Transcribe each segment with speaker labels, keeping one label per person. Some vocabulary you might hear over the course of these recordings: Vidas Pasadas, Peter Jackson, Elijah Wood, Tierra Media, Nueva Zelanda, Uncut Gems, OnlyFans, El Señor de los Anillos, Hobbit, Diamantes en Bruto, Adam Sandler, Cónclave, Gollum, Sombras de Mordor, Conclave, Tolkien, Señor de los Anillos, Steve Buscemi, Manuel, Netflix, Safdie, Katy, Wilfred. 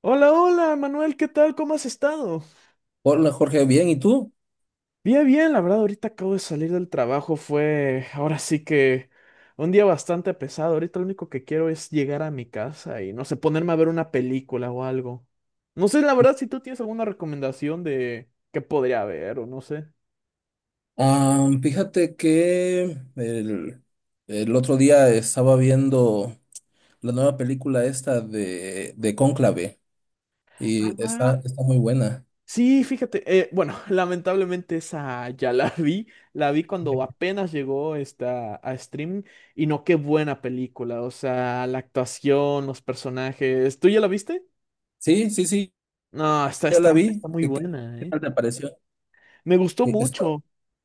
Speaker 1: Hola, hola, Manuel, ¿qué tal? ¿Cómo has estado?
Speaker 2: Hola Jorge, bien, ¿y tú?
Speaker 1: Bien, bien, la verdad, ahorita acabo de salir del trabajo, fue ahora sí que un día bastante pesado. Ahorita lo único que quiero es llegar a mi casa y no sé, ponerme a ver una película o algo. No sé, la verdad, si tú tienes alguna recomendación de qué podría ver o no sé.
Speaker 2: Ah, fíjate que el, el otro día estaba viendo la nueva película esta de Cónclave y
Speaker 1: Ah,
Speaker 2: está muy buena.
Speaker 1: sí, fíjate, bueno, lamentablemente esa ya la vi cuando apenas llegó esta, a stream y no, qué buena película, o sea, la actuación, los personajes, ¿tú ya la viste?
Speaker 2: Sí, sí, sí,
Speaker 1: No,
Speaker 2: ya la vi.
Speaker 1: está muy
Speaker 2: ¿Qué,
Speaker 1: buena,
Speaker 2: qué
Speaker 1: ¿eh?
Speaker 2: tal te pareció?
Speaker 1: Me gustó
Speaker 2: Sí, está-
Speaker 1: mucho.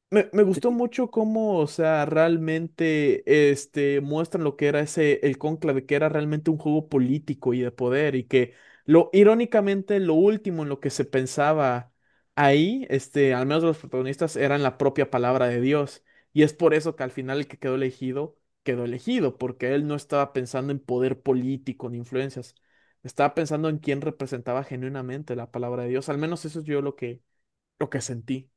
Speaker 1: Me gustó
Speaker 2: sí,
Speaker 1: mucho cómo, o sea, realmente muestran lo que era ese, el cónclave, que era realmente un juego político y de poder, y que irónicamente, lo último en lo que se pensaba ahí, al menos de los protagonistas, eran la propia palabra de Dios. Y es por eso que al final el que quedó elegido, porque él no estaba pensando en poder político ni influencias. Estaba pensando en quién representaba genuinamente la palabra de Dios. Al menos eso es yo lo que sentí.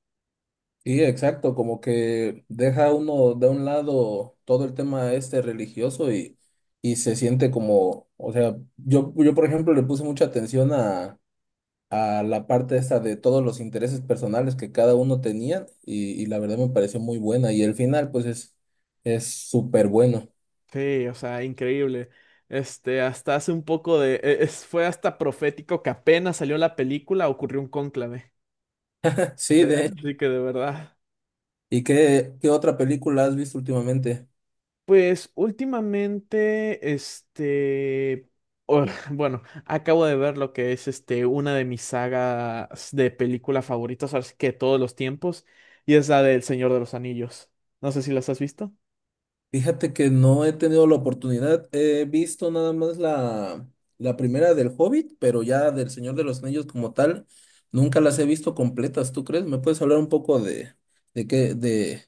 Speaker 2: sí, exacto, como que deja uno de un lado todo el tema este religioso y se siente como, o sea, yo por ejemplo le puse mucha atención a la parte esa de todos los intereses personales que cada uno tenía y la verdad me pareció muy buena y el final pues es súper bueno.
Speaker 1: Sí, o sea, increíble. Este, hasta hace un poco de... fue hasta profético que apenas salió la película, ocurrió un cónclave.
Speaker 2: Sí, de hecho.
Speaker 1: Así que de verdad.
Speaker 2: ¿Y qué, qué otra película has visto últimamente?
Speaker 1: Pues últimamente, este... o- bueno, acabo de ver lo que es una de mis sagas de película favoritas, así que todos los tiempos, y es la del Señor de los Anillos. No sé si las has visto.
Speaker 2: Fíjate que no he tenido la oportunidad, he visto nada más la primera del Hobbit, pero ya del Señor de los Anillos como tal, nunca las he visto completas, ¿tú crees? ¿Me puedes hablar un poco de,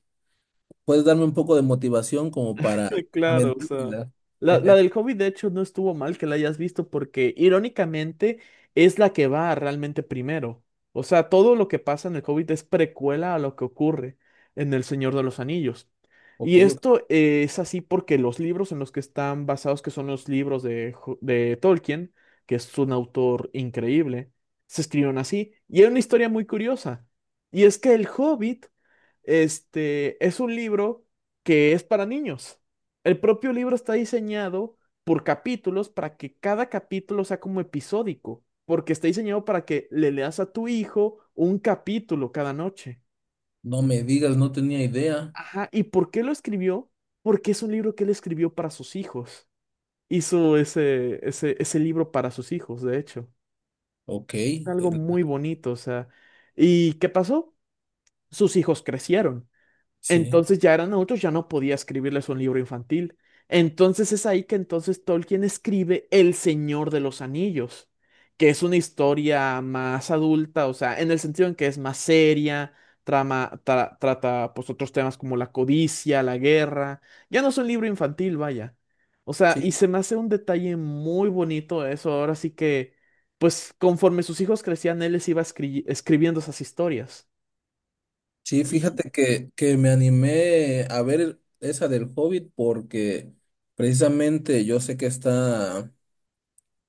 Speaker 2: puedes darme un poco de motivación como para
Speaker 1: Claro, o sea.
Speaker 2: aventármela?
Speaker 1: La del Hobbit, de hecho, no estuvo mal que la hayas visto porque, irónicamente, es la que va realmente primero. O sea, todo lo que pasa en el Hobbit es precuela a lo que ocurre en El Señor de los Anillos.
Speaker 2: Ok,
Speaker 1: Y
Speaker 2: ok.
Speaker 1: esto es así porque los libros en los que están basados, que son los libros de, de Tolkien, que es un autor increíble, se escribieron así. Y hay una historia muy curiosa. Y es que el Hobbit es un libro que es para niños. El propio libro está diseñado por capítulos para que cada capítulo sea como episódico, porque está diseñado para que le leas a tu hijo un capítulo cada noche.
Speaker 2: No me digas, no tenía idea.
Speaker 1: Ajá, ¿y por qué lo escribió? Porque es un libro que él escribió para sus hijos. Hizo ese libro para sus hijos, de hecho.
Speaker 2: Ok,
Speaker 1: Algo
Speaker 2: el-
Speaker 1: muy bonito, o sea. ¿Y qué pasó? Sus hijos crecieron.
Speaker 2: sí,
Speaker 1: Entonces ya eran adultos, ya no podía escribirles un libro infantil. Entonces es ahí que entonces Tolkien escribe El Señor de los Anillos, que es una historia más adulta, o sea, en el sentido en que es más seria, trata pues otros temas como la codicia, la guerra. Ya no es un libro infantil, vaya. O sea, y
Speaker 2: sí,
Speaker 1: se me hace un detalle muy bonito eso. Ahora sí que, pues conforme sus hijos crecían, él les iba escribiendo esas historias.
Speaker 2: sí,
Speaker 1: Y,
Speaker 2: fíjate que me animé a ver esa del Hobbit porque precisamente yo sé que está.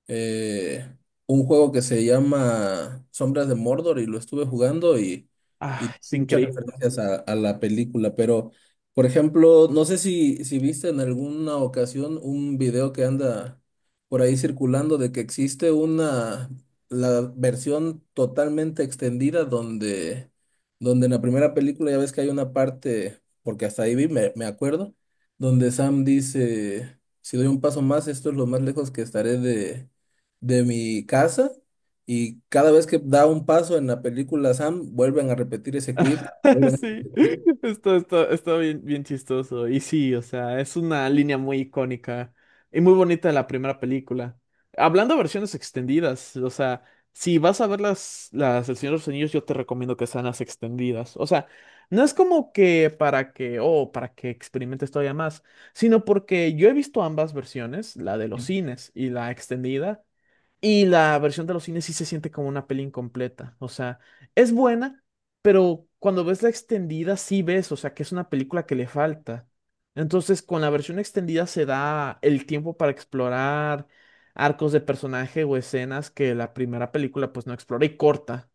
Speaker 2: eh, un juego que se llama Sombras de Mordor y lo estuve jugando
Speaker 1: ah,
Speaker 2: y
Speaker 1: es
Speaker 2: muchas
Speaker 1: increíble.
Speaker 2: referencias a la película, pero por ejemplo, no sé si viste en alguna ocasión un video que anda por ahí circulando de que existe la versión totalmente extendida donde en la primera película ya ves que hay una parte, porque hasta ahí vi, me acuerdo, donde Sam dice, si doy un paso más, esto es lo más lejos que estaré de mi casa, y cada vez que da un paso en la película Sam, vuelven a repetir ese clip, vuelven a
Speaker 1: Sí,
Speaker 2: repetir.
Speaker 1: está bien, bien chistoso. Y sí, o sea, es una línea muy icónica y muy bonita de la primera película. Hablando de versiones extendidas, o sea, si vas a ver las El Señor de los Anillos, yo te recomiendo que sean las extendidas. O sea, no es como que para que, oh, para que experimentes todavía más, sino porque yo he visto ambas versiones, la de los
Speaker 2: Sí,
Speaker 1: cines y la extendida. Y la versión de los cines sí se siente como una peli incompleta. O sea, es buena, pero cuando ves la extendida sí ves, o sea, que es una película que le falta. Entonces, con la versión extendida se da el tiempo para explorar arcos de personaje o escenas que la primera película pues no explora y corta.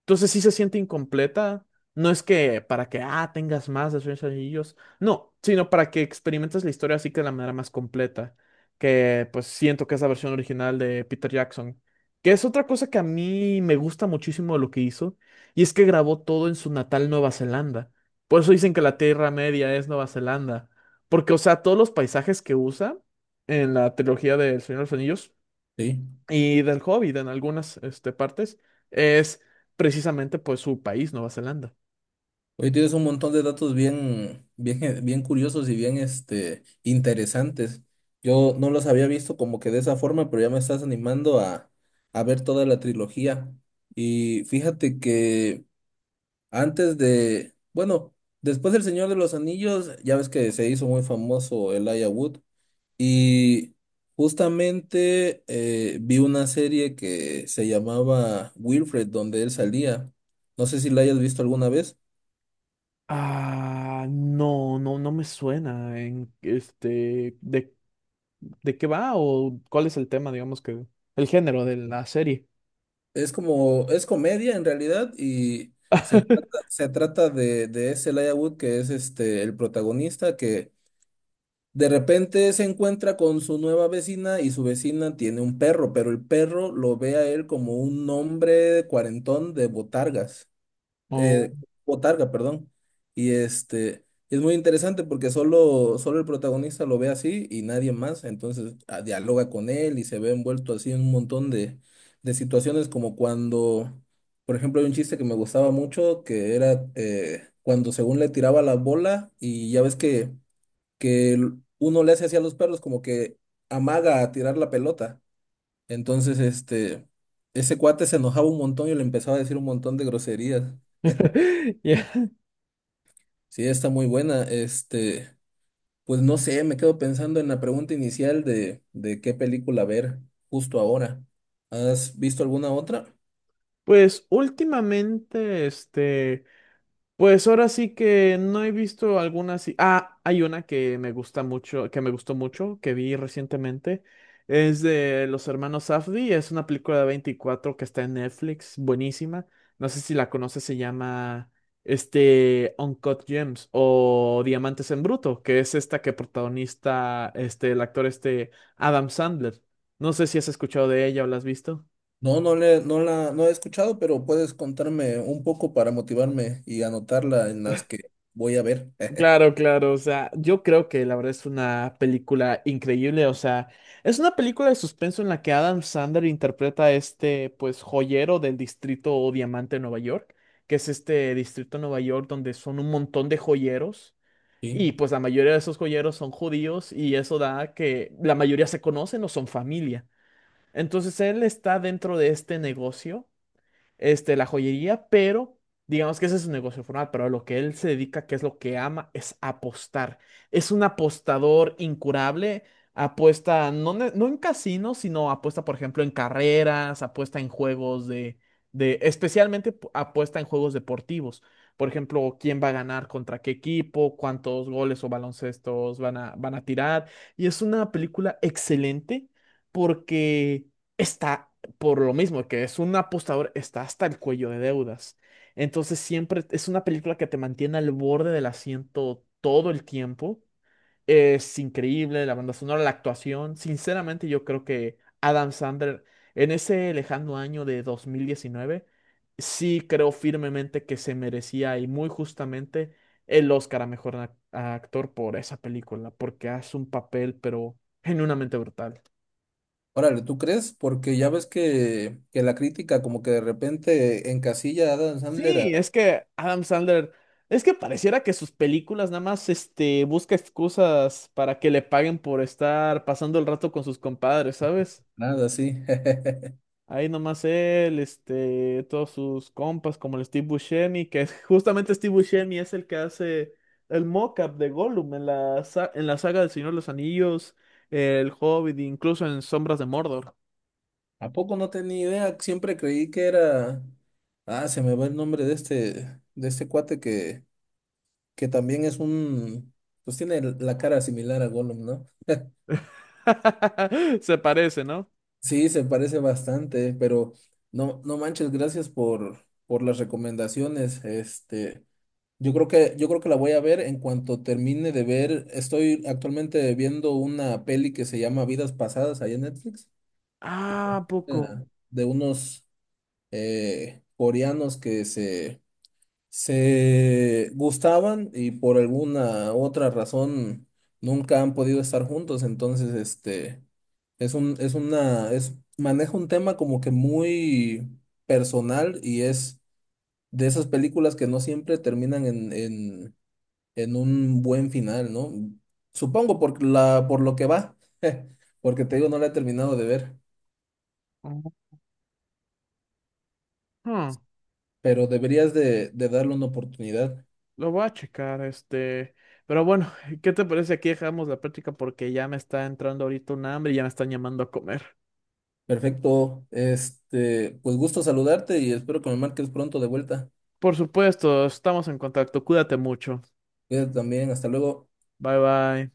Speaker 1: Entonces sí se siente incompleta. No es que para que, ah, tengas más de Sueños Anillos. No, sino para que experimentes la historia así que de la manera más completa. Que pues siento que es la versión original de Peter Jackson. Que es otra cosa que a mí me gusta muchísimo de lo que hizo. Y es que grabó todo en su natal Nueva Zelanda. Por eso dicen que la Tierra Media es Nueva Zelanda. Porque, o sea, todos los paisajes que usa en la trilogía del Señor de los Anillos
Speaker 2: sí.
Speaker 1: y del Hobbit en algunas partes, es precisamente pues su país, Nueva Zelanda.
Speaker 2: Hoy tienes un montón de datos bien, bien, bien curiosos y bien interesantes. Yo no los había visto como que de esa forma, pero ya me estás animando a ver toda la trilogía. Y fíjate que antes de, bueno, después del Señor de los Anillos, ya ves que se hizo muy famoso Elijah Wood. Y justamente vi una serie que se llamaba Wilfred, donde él salía. No sé si la hayas visto alguna vez.
Speaker 1: Ah, no, no, no me suena en este de qué va o cuál es el tema, digamos que el género de la serie.
Speaker 2: Es como, es comedia en realidad y se trata de ese Elijah Wood que es este, el protagonista que de repente se encuentra con su nueva vecina y su vecina tiene un perro, pero el perro lo ve a él como un hombre cuarentón de botargas. eh,
Speaker 1: Oh.
Speaker 2: Botarga, perdón. Y este, es muy interesante porque solo el protagonista lo ve así y nadie más, entonces dialoga con él y se ve envuelto así en un montón de situaciones como cuando, por ejemplo, hay un chiste que me gustaba mucho que era cuando según le tiraba la bola y ya ves que uno le hace así a los perros como que amaga a tirar la pelota. Entonces, ese cuate se enojaba un montón y le empezaba a decir un montón de groserías.
Speaker 1: Ya.
Speaker 2: Sí, está muy buena. Este, pues no sé, me quedo pensando en la pregunta inicial de qué película ver justo ahora. ¿Has visto alguna otra?
Speaker 1: Pues últimamente, este, pues ahora sí que no he visto alguna así. Ah, hay una que me gusta mucho, que me gustó mucho, que vi recientemente. Es de los hermanos Safdie. Es una película de 24 que está en Netflix, buenísima. No sé si la conoces, se llama Uncut Gems o Diamantes en Bruto, que es esta que protagonista el actor Adam Sandler. No sé si has escuchado de ella o la has visto.
Speaker 2: No, no he escuchado, pero puedes contarme un poco para motivarme y anotarla en las que voy a ver.
Speaker 1: Claro, claro, o sea, yo creo que la verdad es una película increíble, o sea, es una película de suspenso en la que Adam Sandler interpreta a pues, joyero del distrito o diamante de Nueva York, que es este distrito de Nueva York donde son un montón de joyeros
Speaker 2: Sí.
Speaker 1: y pues la mayoría de esos joyeros son judíos y eso da que la mayoría se conocen o son familia. Entonces él está dentro de este negocio la joyería, pero digamos que ese es su negocio formal, pero a lo que él se dedica, que es lo que ama, es apostar. Es un apostador incurable, apuesta no, no en casinos, sino apuesta, por ejemplo, en carreras, apuesta en juegos especialmente apuesta en juegos deportivos. Por ejemplo, quién va a ganar contra qué equipo, cuántos goles o baloncestos van a tirar. Y es una película excelente porque está por lo mismo que es un apostador, está hasta el cuello de deudas. Entonces siempre es una película que te mantiene al borde del asiento todo el tiempo. Es increíble la banda sonora, la actuación. Sinceramente, yo creo que Adam Sandler, en ese lejano año de 2019 sí creo firmemente que se merecía y muy justamente el Oscar a mejor a actor por esa película, porque hace un papel, pero genuinamente brutal.
Speaker 2: Órale, ¿tú crees? Porque ya ves que la crítica como que de repente encasilla a Adam Sandler
Speaker 1: Sí,
Speaker 2: a
Speaker 1: es que Adam Sandler, es que pareciera que sus películas nada más busca excusas para que le paguen por estar pasando el rato con sus compadres, ¿sabes?
Speaker 2: nada, sí.
Speaker 1: Ahí nomás él, todos sus compas como el Steve Buscemi, justamente Steve Buscemi es el que hace el mock-up de Gollum en en la saga del Señor de los Anillos, El Hobbit, incluso en Sombras de Mordor.
Speaker 2: ¿A poco no tenía idea? Siempre creí que era… Ah, se me va el nombre de este cuate que también es un… Pues tiene la cara similar a Gollum, ¿no?
Speaker 1: Se parece, ¿no?
Speaker 2: Sí, se parece bastante, pero no, no manches, gracias por las recomendaciones. Este, yo creo que la voy a ver en cuanto termine de ver. Estoy actualmente viendo una peli que se llama Vidas Pasadas ahí en Netflix,
Speaker 1: Ah, ¿a
Speaker 2: eh,
Speaker 1: poco?
Speaker 2: de unos coreanos que se gustaban y por alguna otra razón nunca han podido estar juntos. Entonces, este es un, es una, es, maneja un tema como que muy personal y es de esas películas que no siempre terminan en un buen final, ¿no? Supongo por por lo que va, porque te digo, no la he terminado de ver,
Speaker 1: Ujú.
Speaker 2: pero deberías de darle una oportunidad.
Speaker 1: Lo voy a checar, este. Pero bueno, ¿qué te parece? Aquí dejamos la práctica porque ya me está entrando ahorita un hambre y ya me están llamando a comer.
Speaker 2: Perfecto. Este, pues gusto saludarte y espero que me marques pronto de vuelta.
Speaker 1: Por supuesto, estamos en contacto. Cuídate mucho.
Speaker 2: Cuídate también. Hasta luego.
Speaker 1: Bye bye.